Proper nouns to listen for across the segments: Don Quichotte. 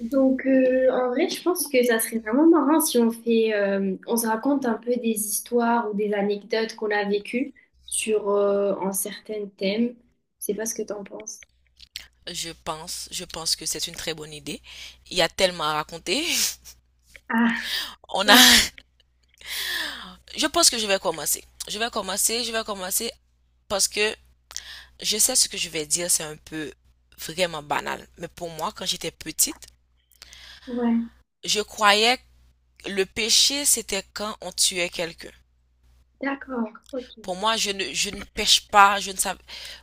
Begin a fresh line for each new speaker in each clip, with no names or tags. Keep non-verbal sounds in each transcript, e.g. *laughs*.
Donc, en vrai, je pense que ça serait vraiment marrant si on fait, on se raconte un peu des histoires ou des anecdotes qu'on a vécues sur un certain thème. Je sais pas ce que t'en penses.
Je pense que c'est une très bonne idée. Il y a tellement à raconter.
Ah,
*laughs* On a,
oui,
je pense que je vais commencer. Je vais commencer parce que je sais ce que je vais dire, c'est un peu vraiment banal. Mais pour moi, quand j'étais petite,
ouais,
je croyais que le péché, c'était quand on tuait quelqu'un.
d'accord, ok.
Pour moi, je ne pêche pas, je ne savais.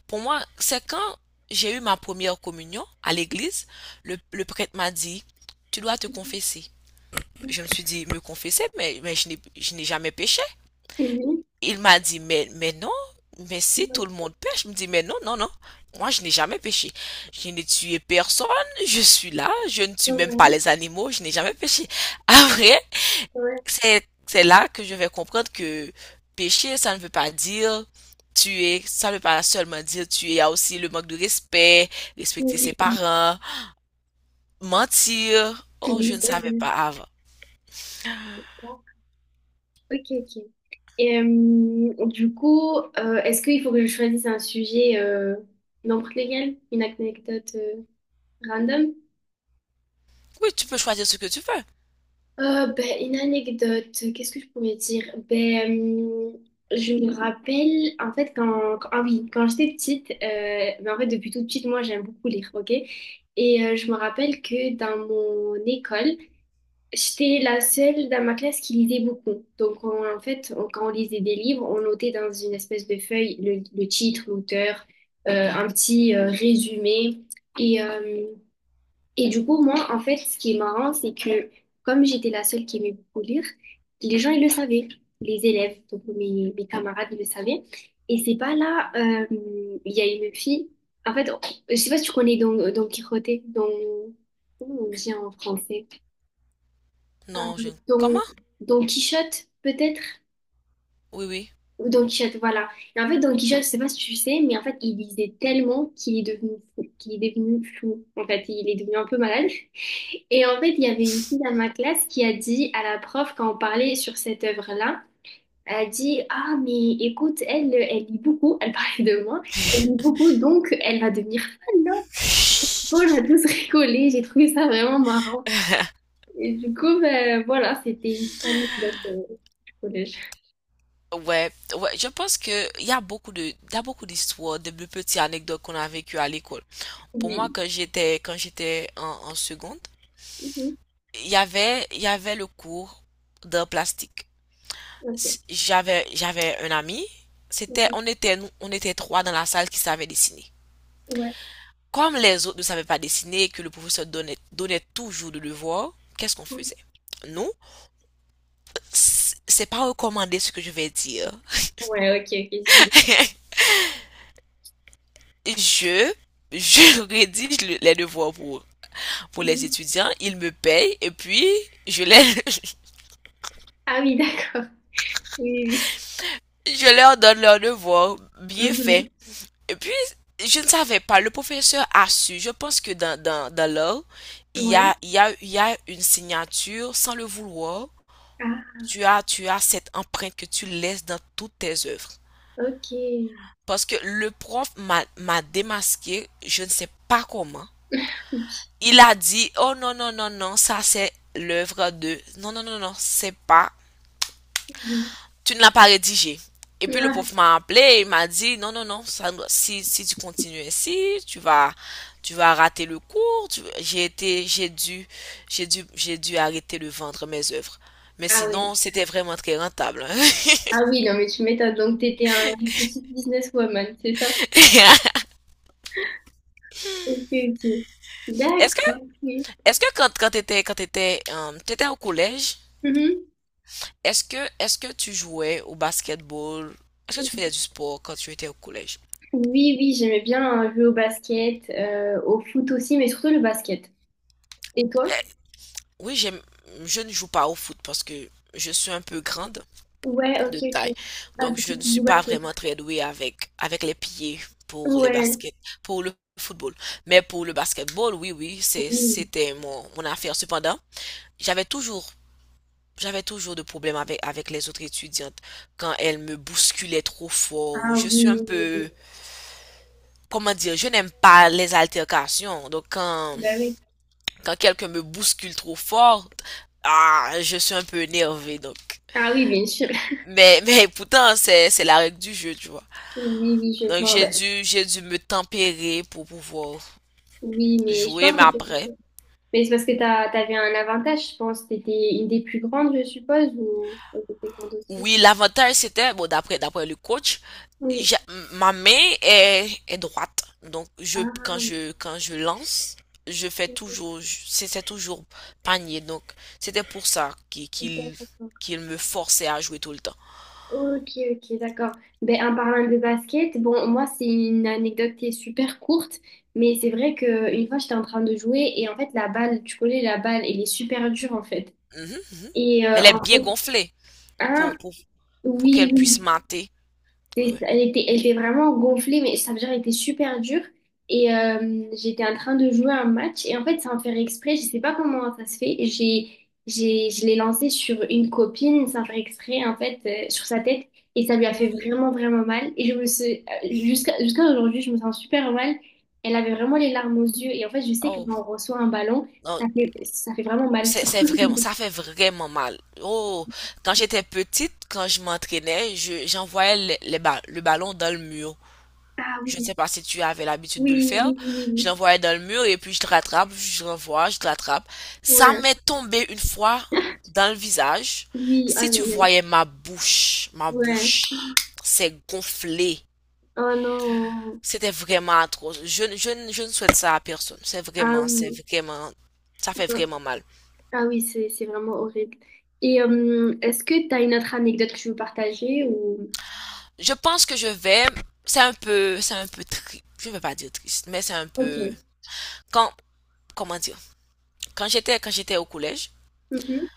Pour moi, c'est quand j'ai eu ma première communion à l'église, le prêtre m'a dit, tu dois te confesser. Je me suis dit, me confesser, mais je n'ai jamais péché.
Oui,
Il m'a dit, mais non, mais si
ouais,
tout le monde pêche, je me dis, mais non, non, non, moi je n'ai jamais péché. Je n'ai tué personne, je suis là, je ne tue même pas
ouais,
les animaux, je n'ai jamais péché. *laughs* Après, c'est là que je vais comprendre que pécher, ça ne veut pas dire tuer, ça ne veut pas seulement dire tuer, il y a aussi le manque de respect, respecter ses
oui,
parents, mentir. Oh, je
oui,
ne
c'est
savais
vrai.
pas avant.
Bon, ok, ok. Et du coup, est-ce qu'il faut que je choisisse un sujet, n'importe lequel, une anecdote random?
Oui, tu peux choisir ce que tu veux.
Ben, une anecdote, qu'est-ce que je pourrais dire? Ben, je me rappelle, en fait, ah oui, quand j'étais petite, ben, en fait, depuis toute petite, moi, j'aime beaucoup lire, ok? Et je me rappelle que dans mon école, j'étais la seule dans ma classe qui lisait beaucoup. Donc, en fait, quand on lisait des livres, on notait dans une espèce de feuille le titre, l'auteur, un petit résumé. Et, euh, et du coup, moi, en fait, ce qui est marrant, c'est que comme j'étais la seule qui aimait beaucoup lire, les gens, ils le savaient. Les élèves, donc mes camarades, ils le savaient. Et c'est pas là, il y a une fille. En fait, je sais pas si tu connais Don Quichotte, Don... Comment on dit en français? Euh,
Non, je...
Don,
Comment?
Don Quichotte, peut-être?
Oui, oui.
Ou Don Quichotte, voilà. Et en fait, Don Quichotte, je sais pas si tu sais, mais en fait, il lisait tellement qu'il est devenu fou, qu'il est devenu fou. En fait, il est devenu un peu malade. Et en fait, il y avait une fille dans ma classe qui a dit à la prof, quand on parlait sur cette œuvre-là, elle a dit, ah, mais écoute, elle, elle lit beaucoup, elle parlait de moi, elle lit
*laughs*
beaucoup, donc elle va devenir fan, non? On a tous rigolé, j'ai trouvé ça vraiment marrant. Et du coup, ben, voilà, c'était une petite anecdote du collège.
Ouais, ouais, je pense que il y a beaucoup de, il y a beaucoup d'histoires, de petites anecdotes qu'on a vécues à l'école. Pour moi,
Oui.
quand j'étais en, en seconde,
Mhm.
il y avait le cours de plastique.
Ok.
J'avais un ami. C'était,
Mhm.
on était, on était trois dans la salle qui savaient dessiner.
Ouais.
Comme les autres ne savaient pas dessiner et que le professeur donnait toujours le devoir, qu'est-ce qu'on faisait? Nous, c'est pas recommandé ce que je vais dire,
Ouais, ok, ok, je vois.
je, je *laughs* rédige les devoirs pour les
Mhm.
étudiants, ils me payent et puis je, les,
Ah oui, d'accord. Oui,
*laughs* je leur donne leurs devoirs bien
oui,
faits.
oui.
Et puis, je ne savais pas, le professeur a su, je pense que dans l'or, il
Mhm.
y
Ouais.
a, il y a, il y a une signature sans le vouloir.
Ah,
Tu as cette empreinte que tu laisses dans toutes tes œuvres.
ok.
Parce que le prof m'a démasqué, je ne sais pas comment.
Ok.
Il a dit, oh non, non, non, non, ça c'est l'œuvre de... Non, non, non, non, c'est pas... Tu ne l'as pas rédigé. Et puis le
Ouais.
prof m'a appelé et il m'a dit, non, non, non, ça- si, si tu continues ainsi, tu vas rater le cours. J'ai été, j'ai dû, j'ai dû arrêter de vendre mes œuvres. Mais
Ah oui.
sinon, c'était vraiment très rentable.
Ah oui, non, mais tu m'étonnes. Donc, tu étais un une petite businesswoman, c'est ça?
*laughs*
Ok, ok.
Est-ce que,
D'accord, oui.
est-ce que quand, t'étais au collège,
Mhm.
est-ce que tu jouais au basketball? Est-ce que tu faisais du sport quand tu étais au collège?
Oui, oui, j'aimais bien jouer au basket, au foot aussi, mais surtout le basket. Et toi?
Oui, j'aime, je ne joue pas au foot parce que je suis un peu grande
Ouais, ok,
de taille.
ok. Ah,
Donc,
du
je
coup,
ne
tu joues
suis
au
pas
basket.
vraiment très douée avec, avec les pieds pour les
Ouais,
baskets, pour le football. Mais pour le basketball, oui, oui, c'est,
oui.
c'était mon, mon affaire. Cependant, j'avais toujours, j'avais toujours de problèmes avec, avec les autres étudiantes quand elles me bousculaient trop fort.
Ah
Je suis un
oui, oui, oui.
peu, comment dire, je n'aime pas les altercations. Donc, quand,
Bah oui.
quand quelqu'un me bouscule trop fort, ah, je suis un peu énervée. Donc,
Ah oui, bien sûr. *laughs*
mais, *laughs* mais pourtant, c'est la règle du jeu, tu vois.
Oui, oui, je
Donc,
vois.
j'ai
Ben,
dû, me tempérer pour pouvoir
oui, mais je
jouer,
pense
mais
que
après.
c'est mais c'est parce que t'avais un avantage, je pense. T'étais une des plus grandes, je suppose, ou t'étais grande aussi?
Oui, l'avantage, c'était, bon, d'après le coach,
Oui.
j'a- ma main est, est droite. Donc, je, quand
Ah,
je, quand je lance, je fais toujours, c'est toujours panier. Donc, c'était pour ça qu'il, qu'il,
d'accord.
qu'il me forçait à jouer tout le temps.
Ok, ok, d'accord. Ben, en parlant de basket, bon, moi, c'est une anecdote qui est super courte, mais c'est vrai que une fois, j'étais en train de jouer et en fait, la balle, tu connais, la balle, elle est super dure en fait.
Mhm.
Et
Elle
en
est bien
fait,
gonflée
hein,
pour, pour, pour
oui,
qu'elle
oui,
puisse mater. Ouais,
c'est-
ouais.
elle était, elle était vraiment gonflée, mais ça veut dire elle était super dure. Et j'étais en train de jouer un match. Et en fait, sans faire exprès, je sais pas comment ça se fait. Je l'ai lancé sur une copine sans faire exprès, en fait, sur sa tête. Et ça lui a fait vraiment, vraiment mal. Et je me suis, jusqu'à aujourd'hui, je me sens super mal. Elle avait vraiment les larmes aux yeux. Et en fait, je sais que
Oh,
quand on reçoit un ballon,
non,
ça fait vraiment mal.
c'est vraiment, ça fait vraiment mal. Oh, quand j'étais petite, quand je m'entraînais, je, j'envoyais le, le ballon dans le mur.
Ah
Je ne
oui,
sais pas si tu avais l'habitude de le
oui,
faire.
oui, oui,
Je
oui.
l'envoyais dans le mur et puis je te rattrape, je l'envoie, je te rattrape. Ça
Ouais.
m'est tombé une fois
*laughs*
dans le visage.
Oui,
Si
aïe,
tu
aïe, aïe.
voyais ma
Ouais.
bouche, c'est gonflé.
Oh non.
C'était vraiment atroce. Je, je, je ne souhaite ça à personne. C'est
Ah
vraiment, c'est
oui.
vraiment, ça fait
Non.
vraiment mal.
Ah oui, c'est vraiment horrible. Et est-ce que tu as une autre anecdote que tu veux partager ou...
Je pense que je vais, c'est un peu triste, je vais pas dire triste, mais c'est un peu,
Ok.
quand, comment dire, quand j'étais au collège,
Mhm.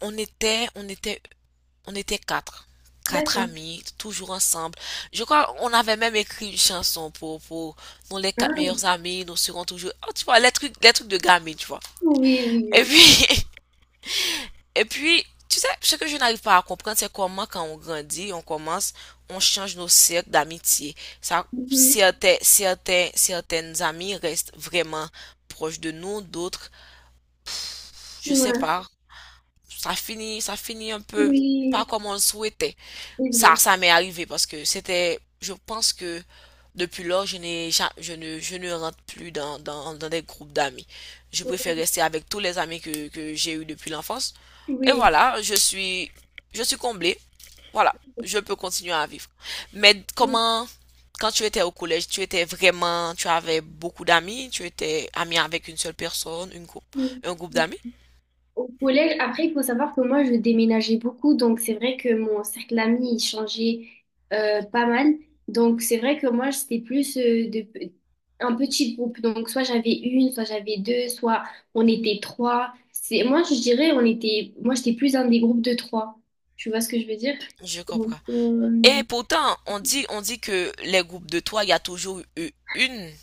on était, on était, on était quatre, quatre
D'accord.
amis, toujours ensemble. Je crois, on avait même écrit une chanson pour, nous les quatre
Ah,
meilleurs amis, nous serons toujours, oh, tu vois, les trucs de gamins, tu vois.
oui, oui,
Et
oui.
puis, *laughs* et puis, tu sais, ce que je n'arrive pas à comprendre, c'est comment quand on grandit, on commence, on change nos cercles d'amitié. Ça,
Mhm.
certains, certains, certaines amies restent vraiment proches de nous, d'autres, je sais
Ouais.
pas, ça finit un peu
Oui,
pas comme on le souhaitait.
c'est
Ça,
vrai.
ça m'est arrivé parce que c'était, je pense que depuis lors, je n'ai, je ne rentre plus dans, dans des groupes d'amis. Je préfère rester avec tous les amis que j'ai eus depuis l'enfance. Et
Ouais.
voilà, je suis comblée. Voilà, je peux continuer à vivre. Mais comment, quand tu étais au collège, tu étais vraiment, tu avais beaucoup d'amis, tu étais ami avec une seule personne, une groupe,
Oui.
un groupe d'amis?
Au collège, après, il faut savoir que moi, je déménageais beaucoup, donc c'est vrai que mon cercle d'amis, il changeait pas mal. Donc c'est vrai que moi, c'était plus un petit groupe. Donc soit j'avais une, soit j'avais deux, soit on était trois. C'est, moi, je dirais, on était, moi, j'étais plus dans des groupes de trois. Tu vois ce que je veux dire?
Je
Donc,
comprends. Et pourtant, on dit que les groupes de trois, il y a toujours eu une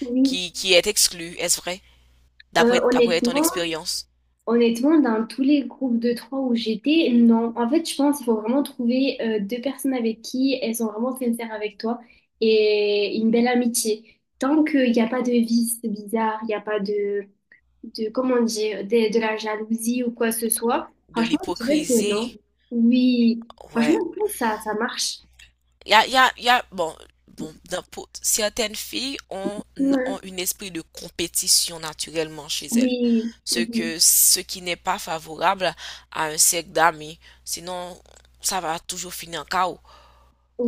oui,
qui est exclue, est-ce vrai?
Euh,
D'après ton
honnêtement,
expérience
honnêtement, dans tous les groupes de trois où j'étais, non. En fait, je pense qu'il faut vraiment trouver deux personnes avec qui elles sont vraiment sincères avec toi et une belle amitié. Tant qu'il n'y a pas de vice bizarre, il n'y a pas de, de comment dire, de la jalousie ou quoi que ce soit,
de
franchement, je dirais que non.
l'hypocrisie,
Oui,
ouais.
franchement, je pense que ça marche.
Il y a, il y a, il y a, bon, bon, certaines filles ont,
Ouais.
ont un esprit de compétition naturellement chez elles,
Mais,
ce qui n'est pas favorable à un cercle d'amis. Sinon, ça va toujours finir en chaos,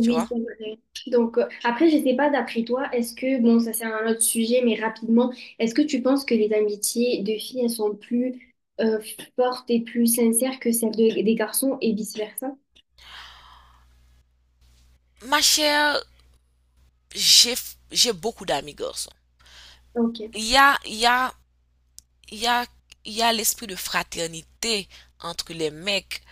tu vois.
c'est vrai. Donc, après, je sais pas, d'après toi, est-ce que, bon, ça c'est un autre sujet, mais rapidement, est-ce que tu penses que les amitiés de filles, elles sont plus euh, fortes et plus sincères que celles de- des garçons et vice-versa?
Ma chère, j'ai, j'ai beaucoup d'amis garçons.
Ok.
Il y a, il y a, il y a, il y a l'esprit de fraternité entre les mecs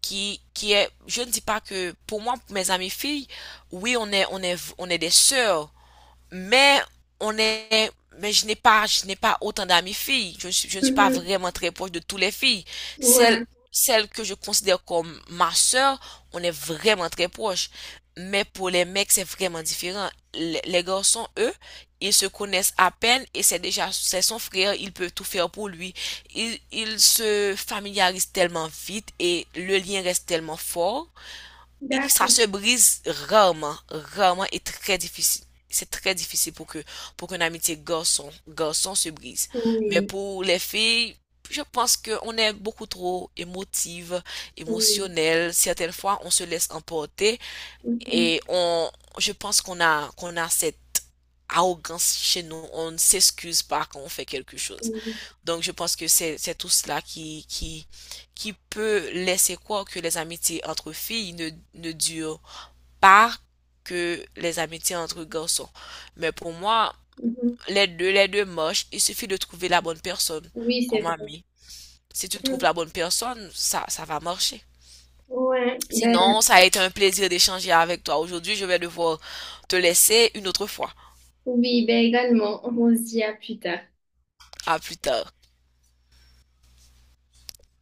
qui est, je ne dis pas que, pour moi, mes amies filles, oui, on est des sœurs, mais on est, mais je n'ai pas autant d'amis filles. Je ne suis pas
Mhm.
vraiment très proche de toutes les filles. Celles,
Ouais,
celles que je considère comme ma sœur, on est vraiment très proche. Mais pour les mecs, c'est vraiment différent. Les garçons, eux, ils se connaissent à peine et c'est déjà, c'est son frère, il peut tout faire pour lui. Ils se familiarisent tellement vite et le lien reste tellement fort et ça
d'accord.
se brise rarement, rarement et très difficile. C'est très difficile pour que pour qu'une amitié garçon garçon se brise. Mais
Oui,
pour les filles, je pense que on est beaucoup trop émotive,
oui.
émotionnelle. Certaines fois, on se laisse emporter
Mhm.
et on, je pense qu'on a cette arrogance chez nous. On ne s'excuse pas quand on fait quelque chose.
Oui,
Donc, je pense que c'est tout cela qui peut laisser croire que les amitiés entre filles ne durent pas que les amitiés entre garçons. Mais pour moi,
mhm.
les deux marchent. Il suffit de trouver la bonne personne
Oui, c'est
comme
vrai.
ami. Si tu trouves
Mhm.
la bonne personne, ça va marcher.
Ouais, ben,
Sinon, ça a été un plaisir d'échanger avec toi aujourd'hui. Je vais devoir te laisser une autre fois.
oui, ben également, on se dit à plus tard.
À plus tard.